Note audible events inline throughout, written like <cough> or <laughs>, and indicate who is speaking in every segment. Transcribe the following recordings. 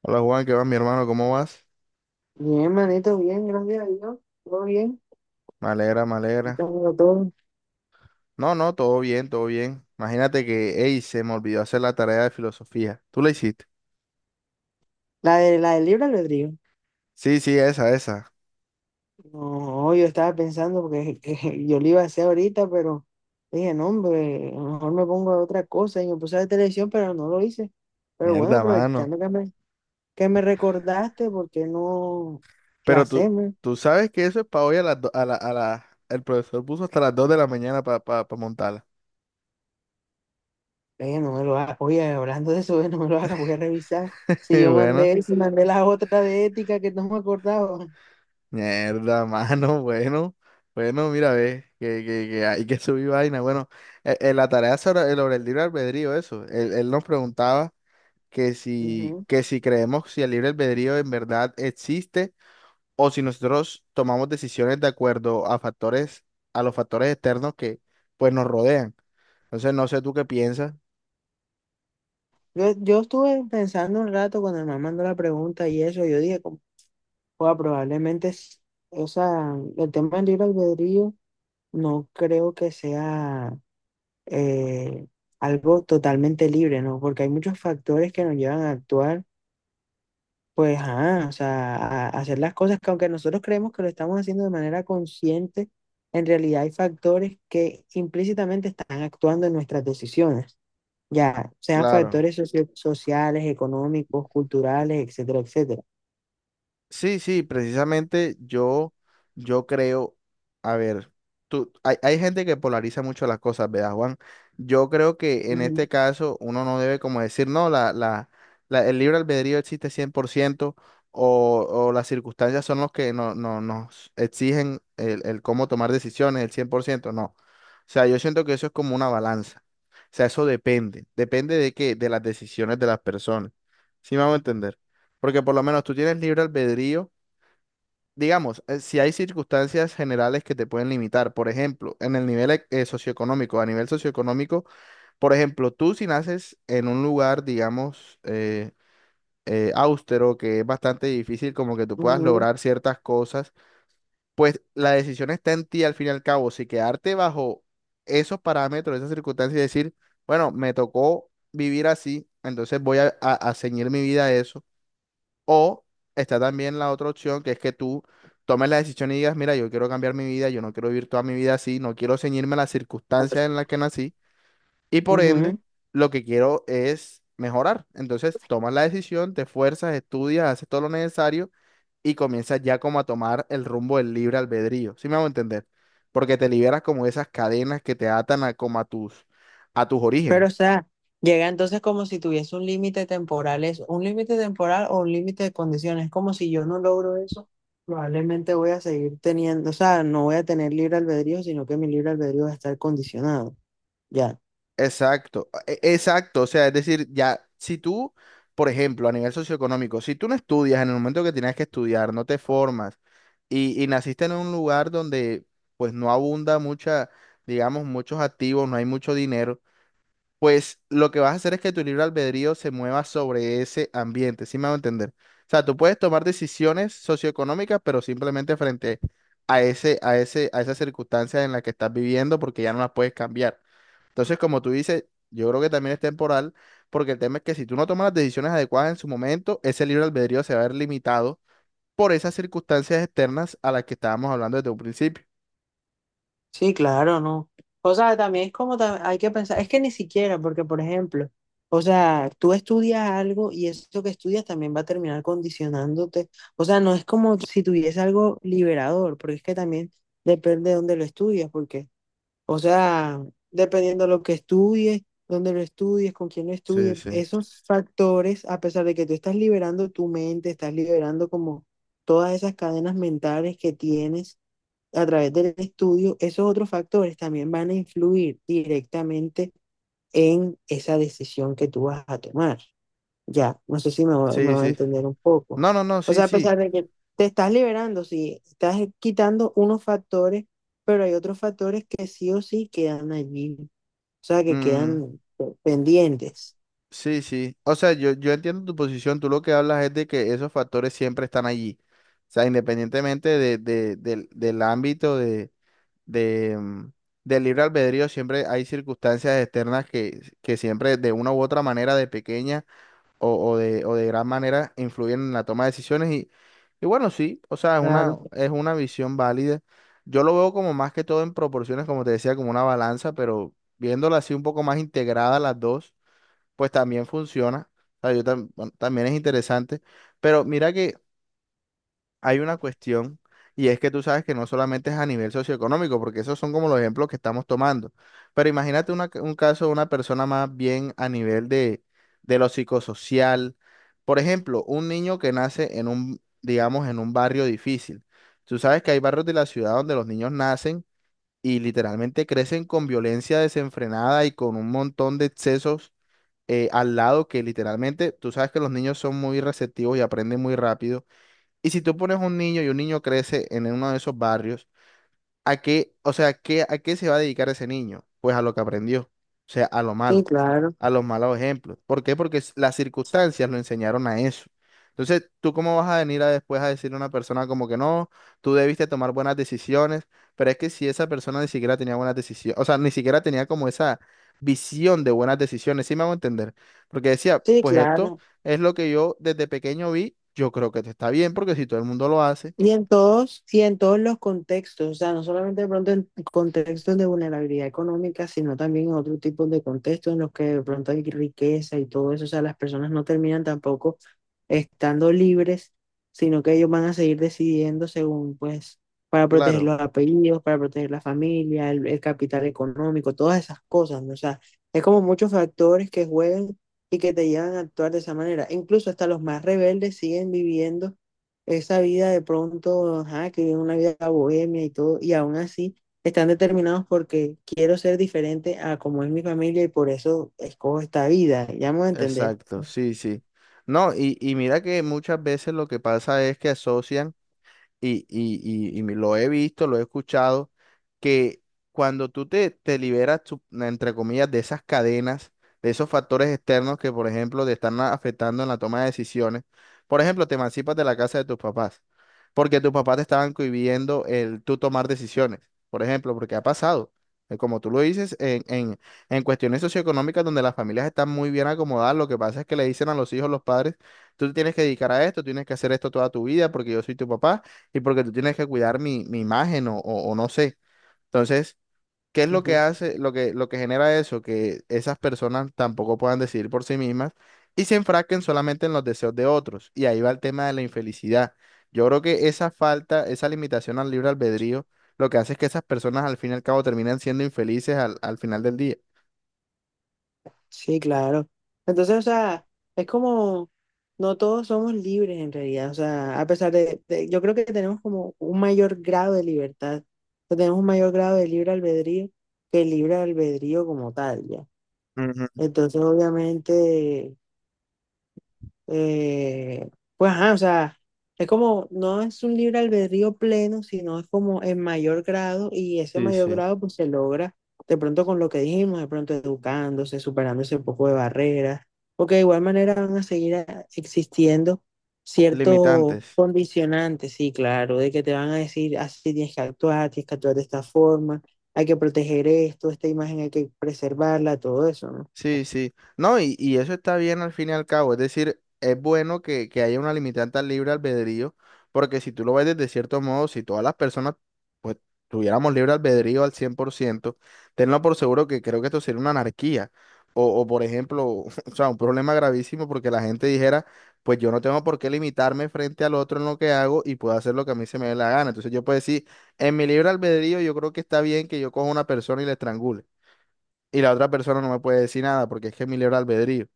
Speaker 1: Hola Juan, ¿qué va, mi hermano? ¿Cómo vas?
Speaker 2: Bien, manito, bien, gracias a Dios. Todo bien.
Speaker 1: Me alegra, me alegra.
Speaker 2: Estamos todo.
Speaker 1: No, no, todo bien, todo bien. Imagínate que, ey, se me olvidó hacer la tarea de filosofía. ¿Tú la hiciste?
Speaker 2: La de la del libre albedrío.
Speaker 1: Sí, sí, esa, esa.
Speaker 2: No, yo estaba pensando porque <laughs> que yo lo iba a hacer ahorita, pero dije, no, hombre, a lo mejor me pongo a otra cosa y me puse a ver televisión, pero no lo hice. Pero bueno,
Speaker 1: Mierda, mano.
Speaker 2: aprovechando que me recordaste, ¿por qué no la
Speaker 1: Pero tú,
Speaker 2: hacemos?
Speaker 1: tú sabes que eso es para hoy a las do- a la, El profesor puso hasta las 2 de la mañana para montarla. <laughs>
Speaker 2: Le dije, no me lo hagas, oye, hablando de eso, <laughs> no me lo hagas, voy a revisar.
Speaker 1: Y bueno,
Speaker 2: Si mandé la otra de ética que no me acordaba.
Speaker 1: mierda, mano, <laughs> bueno. Bueno, mira, ve, que hay que subir vaina. Bueno, la tarea sobre el libre albedrío, eso. Él nos preguntaba que si,
Speaker 2: Ujú.
Speaker 1: que si creemos si el libre albedrío en verdad existe o si nosotros tomamos decisiones de acuerdo a factores, a los factores externos que pues nos rodean. Entonces, no sé tú qué piensas.
Speaker 2: Yo estuve pensando un rato cuando me mandó la pregunta y eso, yo dije, como, "Joda, probablemente, o sea, el tema del libre albedrío no creo que sea eh, algo totalmente libre, ¿no? Porque hay muchos factores que nos llevan a actuar, pues, ajá, o sea, a hacer las cosas que aunque nosotros creemos que lo estamos haciendo de manera consciente, en realidad hay factores que implícitamente están actuando en nuestras decisiones ya sean
Speaker 1: Claro.
Speaker 2: factores sociales, económicos, culturales, etcétera, etcétera.
Speaker 1: Sí, sí, precisamente yo creo, a ver, hay gente que polariza mucho las cosas, ¿verdad, Juan? Yo creo que en
Speaker 2: Ujú,
Speaker 1: este caso uno no debe como decir, no, la el libre albedrío existe 100% o las circunstancias son los que no nos exigen el cómo tomar decisiones, el 100% no. O sea, yo siento que eso es como una balanza. O sea, eso depende de qué, de las decisiones de las personas. ¿Sí me a entender? Porque por lo menos tú tienes libre albedrío. Digamos, si hay circunstancias generales que te pueden limitar, por ejemplo, en el nivel e- socioeconómico, a nivel socioeconómico, por ejemplo, tú si naces en un lugar, digamos, austero, que es bastante difícil como que tú puedas
Speaker 2: ujú,
Speaker 1: lograr ciertas cosas, pues la decisión está en ti al fin y al cabo, si quedarte bajo esos parámetros, esas circunstancias y decir, bueno, me tocó vivir así, entonces voy a ceñir mi vida a eso o está también la otra opción, que es que tú tomes la decisión y digas, mira, yo quiero cambiar mi vida, yo no quiero vivir toda mi vida así, no quiero ceñirme a las circunstancias en las que nací y por ende
Speaker 2: ujú.
Speaker 1: lo que quiero es mejorar. Entonces tomas la decisión, te esfuerzas, estudias, haces todo lo necesario y comienzas ya como a tomar el rumbo del libre albedrío, ¿sí me hago entender? Porque te liberas como de esas cadenas que te atan a, como a tus
Speaker 2: Pero,
Speaker 1: orígenes.
Speaker 2: o sea, llega entonces como si tuviese un límite temporal, es un límite temporal o un límite de condiciones. Es como si yo no logro eso, probablemente voy a seguir teniendo, o sea, no voy a tener libre albedrío, sino que mi libre albedrío va a estar condicionado. Ya.
Speaker 1: Exacto, exacto. O sea, es decir, ya, si tú, por ejemplo, a nivel socioeconómico, si tú no estudias en el momento que tienes que estudiar, no te formas y naciste en un lugar donde pues no abunda mucha, digamos, muchos activos, no hay mucho dinero, pues lo que vas a hacer es que tu libre albedrío se mueva sobre ese ambiente, ¿sí me a entender? O sea, tú puedes tomar decisiones socioeconómicas, pero simplemente frente a esas circunstancias en las que estás viviendo, porque ya no las puedes cambiar. Entonces, como tú dices, yo creo que también es temporal, porque el tema es que si tú no tomas las decisiones adecuadas en su momento, ese libre albedrío se va a ver limitado por esas circunstancias externas a las que estábamos hablando desde un principio.
Speaker 2: Sí, claro, no. O sea, también es como hay que pensar, es que ni siquiera, porque por ejemplo, o sea, tú estudias algo y eso que estudias también va a terminar condicionándote. O sea, no es como si tuviese algo liberador, porque es que también depende de dónde lo estudias, porque, o sea, dependiendo de lo que estudies, dónde lo estudies, con quién lo
Speaker 1: Sí,
Speaker 2: estudies,
Speaker 1: sí.
Speaker 2: esos factores, a pesar de que tú estás liberando tu mente, estás liberando como todas esas cadenas mentales que tienes a través del estudio, esos otros factores también van a influir directamente en esa decisión que tú vas a tomar. Ya, no sé si me, va- me
Speaker 1: Sí,
Speaker 2: va a
Speaker 1: sí.
Speaker 2: entender un poco.
Speaker 1: No, no, no,
Speaker 2: O
Speaker 1: sí,
Speaker 2: sea, a
Speaker 1: sí.
Speaker 2: pesar de que te estás liberando, sí, estás quitando unos factores, pero hay otros factores que sí o sí quedan allí, o sea, que
Speaker 1: Mm,
Speaker 2: quedan pendientes.
Speaker 1: sí, sí. O sea, yo, entiendo tu posición. Tú lo que hablas es de que esos factores siempre están allí. O sea, independientemente del ámbito de, mm, del libre albedrío, siempre hay circunstancias externas que siempre de una u otra manera, de pequeña o de gran manera, influyen en la toma de decisiones. Y bueno, sí, o sea, es una,
Speaker 2: Claro,
Speaker 1: es una visión válida. Yo lo veo como más que todo en proporciones, como te decía, como una balanza, pero viéndola así un poco más integrada las dos pues también funciona. O sea, bueno, también es interesante. Pero mira que hay una cuestión y es que tú sabes que no solamente es a nivel socioeconómico, porque esos son como los ejemplos que estamos tomando. Pero imagínate un caso de una persona más bien a nivel de lo psicosocial. Por ejemplo, un niño que nace en un, digamos, en un barrio difícil. Tú sabes que hay barrios de la ciudad donde los niños nacen y literalmente crecen con violencia desenfrenada y con un montón de excesos al lado que literalmente, tú sabes que los niños son muy receptivos y aprenden muy rápido. Y si tú pones un niño y un niño crece en uno de esos barrios, ¿a qué, o sea, a qué se va a dedicar ese niño? Pues a lo que aprendió, o sea, a lo
Speaker 2: sí,
Speaker 1: malo,
Speaker 2: claro,
Speaker 1: a los malos ejemplos. ¿Por qué? Porque las circunstancias lo enseñaron a eso. Entonces, ¿tú cómo vas a venir a después a decirle a una persona como que no, tú debiste tomar buenas decisiones? Pero es que si esa persona ni siquiera tenía buenas decisiones, o sea, ni siquiera tenía como esa visión de buenas decisiones, ¿sí me hago entender? Porque decía,
Speaker 2: sí,
Speaker 1: pues esto
Speaker 2: claro.
Speaker 1: es lo que yo desde pequeño vi, yo creo que te está bien, porque si todo el mundo lo hace,
Speaker 2: Y en todos los contextos, o sea, no solamente de pronto en contextos de vulnerabilidad económica, sino también en otro tipo de contextos en los que de pronto hay riqueza y todo eso, o sea, las personas no terminan tampoco estando libres, sino que ellos van a seguir decidiendo según, pues, para proteger
Speaker 1: claro.
Speaker 2: los apellidos, para proteger la familia, el capital económico, todas esas cosas, ¿no? O sea, es como muchos factores que juegan y que te llevan a actuar de esa manera. Incluso hasta los más rebeldes siguen viviendo esa vida de pronto, ajá, que viven una vida bohemia y todo, y aún así están determinados porque quiero ser diferente a como es mi familia y por eso escojo esta vida, ya me voy a entender.
Speaker 1: Exacto, sí, sí. No, y mira que muchas veces lo que pasa es que asocian y, y, y lo he visto, lo he escuchado, que cuando tú te liberas, entre comillas, de esas cadenas, de esos factores externos que, por ejemplo, te están afectando en la toma de decisiones, por ejemplo, te emancipas de la casa de tus papás, porque tus papás te estaban cohibiendo el tú tomar decisiones, por ejemplo, porque ha pasado. Como tú lo dices, en cuestiones socioeconómicas donde las familias están muy bien acomodadas, lo que pasa es que le dicen a los hijos, los padres, tú te tienes que dedicar a esto, tienes que hacer esto toda tu vida porque yo soy tu papá y porque tú tienes que cuidar mi imagen o no sé. Entonces, ¿qué es lo que
Speaker 2: Ujú.
Speaker 1: hace, lo que genera eso? Que esas personas tampoco puedan decidir por sí mismas y se enfrasquen solamente en los deseos de otros. Y ahí va el tema de la infelicidad. Yo creo que esa falta, esa limitación al libre albedrío, lo que hace es que esas personas al fin y al cabo terminan siendo infelices al final del día.
Speaker 2: Sí, claro. Entonces, o sea, es como, no todos somos libres en realidad, o sea, a pesar de, yo creo que tenemos como un mayor grado de libertad, o sea, tenemos un mayor grado de libre albedrío que el libre albedrío como tal, ya.
Speaker 1: Ujú.
Speaker 2: Entonces, obviamente... Eh, pues, ajá, o sea, es como, no es un libre albedrío pleno, sino es como en mayor grado y ese
Speaker 1: Sí,
Speaker 2: mayor
Speaker 1: sí.
Speaker 2: grado pues se logra de pronto con lo que dijimos, de pronto educándose, superando ese poco de barreras, porque de igual manera van a seguir existiendo ciertos
Speaker 1: Limitantes.
Speaker 2: condicionantes, sí, claro, de que te van a decir, así tienes que actuar de esta forma, hay que proteger esto, esta imagen hay que preservarla, todo eso, ¿no?
Speaker 1: Sí, sí. No, y eso está bien al fin y al cabo. Es decir, es bueno que haya una limitante al libre albedrío, porque si tú lo ves desde cierto modo, si todas las personas pues tuviéramos libre albedrío al 100%, tenlo por seguro que creo que esto sería una anarquía. O por ejemplo, <laughs> o sea, un problema gravísimo porque la gente dijera, pues yo no tengo por qué limitarme frente al otro en lo que hago y puedo hacer lo que a mí se me dé la gana. Entonces yo puedo decir, en mi libre albedrío yo creo que está bien que yo coja una persona y la estrangule y la otra persona no me puede decir nada porque es que es mi libre albedrío.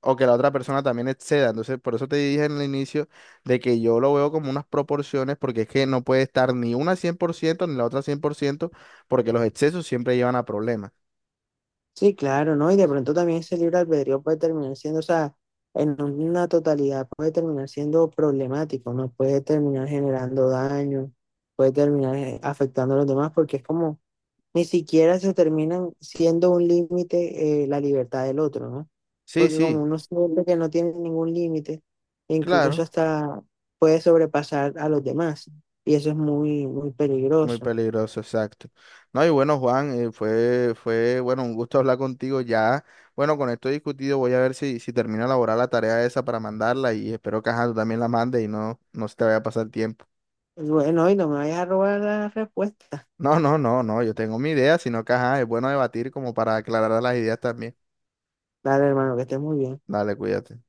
Speaker 1: O que la otra persona también exceda. Entonces, por eso te dije en el inicio de que yo lo veo como unas proporciones porque es que no puede estar ni una 100% ni la otra 100% porque los excesos siempre llevan a problemas.
Speaker 2: Sí, claro, ¿no? Y de pronto también ese libre albedrío puede terminar siendo, o sea, en una totalidad puede terminar siendo problemático, ¿no? Puede terminar generando daño, puede terminar afectando a los demás, porque es como, ni siquiera se terminan siendo un límite la libertad del otro, ¿no?
Speaker 1: Sí,
Speaker 2: Porque como
Speaker 1: sí,
Speaker 2: uno siente que no tiene ningún límite, incluso
Speaker 1: claro.
Speaker 2: hasta puede sobrepasar a los demás, y eso es muy, muy
Speaker 1: Muy
Speaker 2: peligroso.
Speaker 1: peligroso, exacto. No, y bueno, Juan, bueno, un gusto hablar contigo ya. Bueno, con esto discutido voy a ver si termino de elaborar la tarea esa para mandarla y espero que ajá, tú también la mandes y no se te vaya a pasar tiempo.
Speaker 2: Bueno, y no me vayas a robar la respuesta.
Speaker 1: No, no, no, no, yo tengo mi idea, sino que ajá, es bueno debatir como para aclarar las ideas también.
Speaker 2: Dale, hermano, que estés muy bien.
Speaker 1: Dale, cuídate.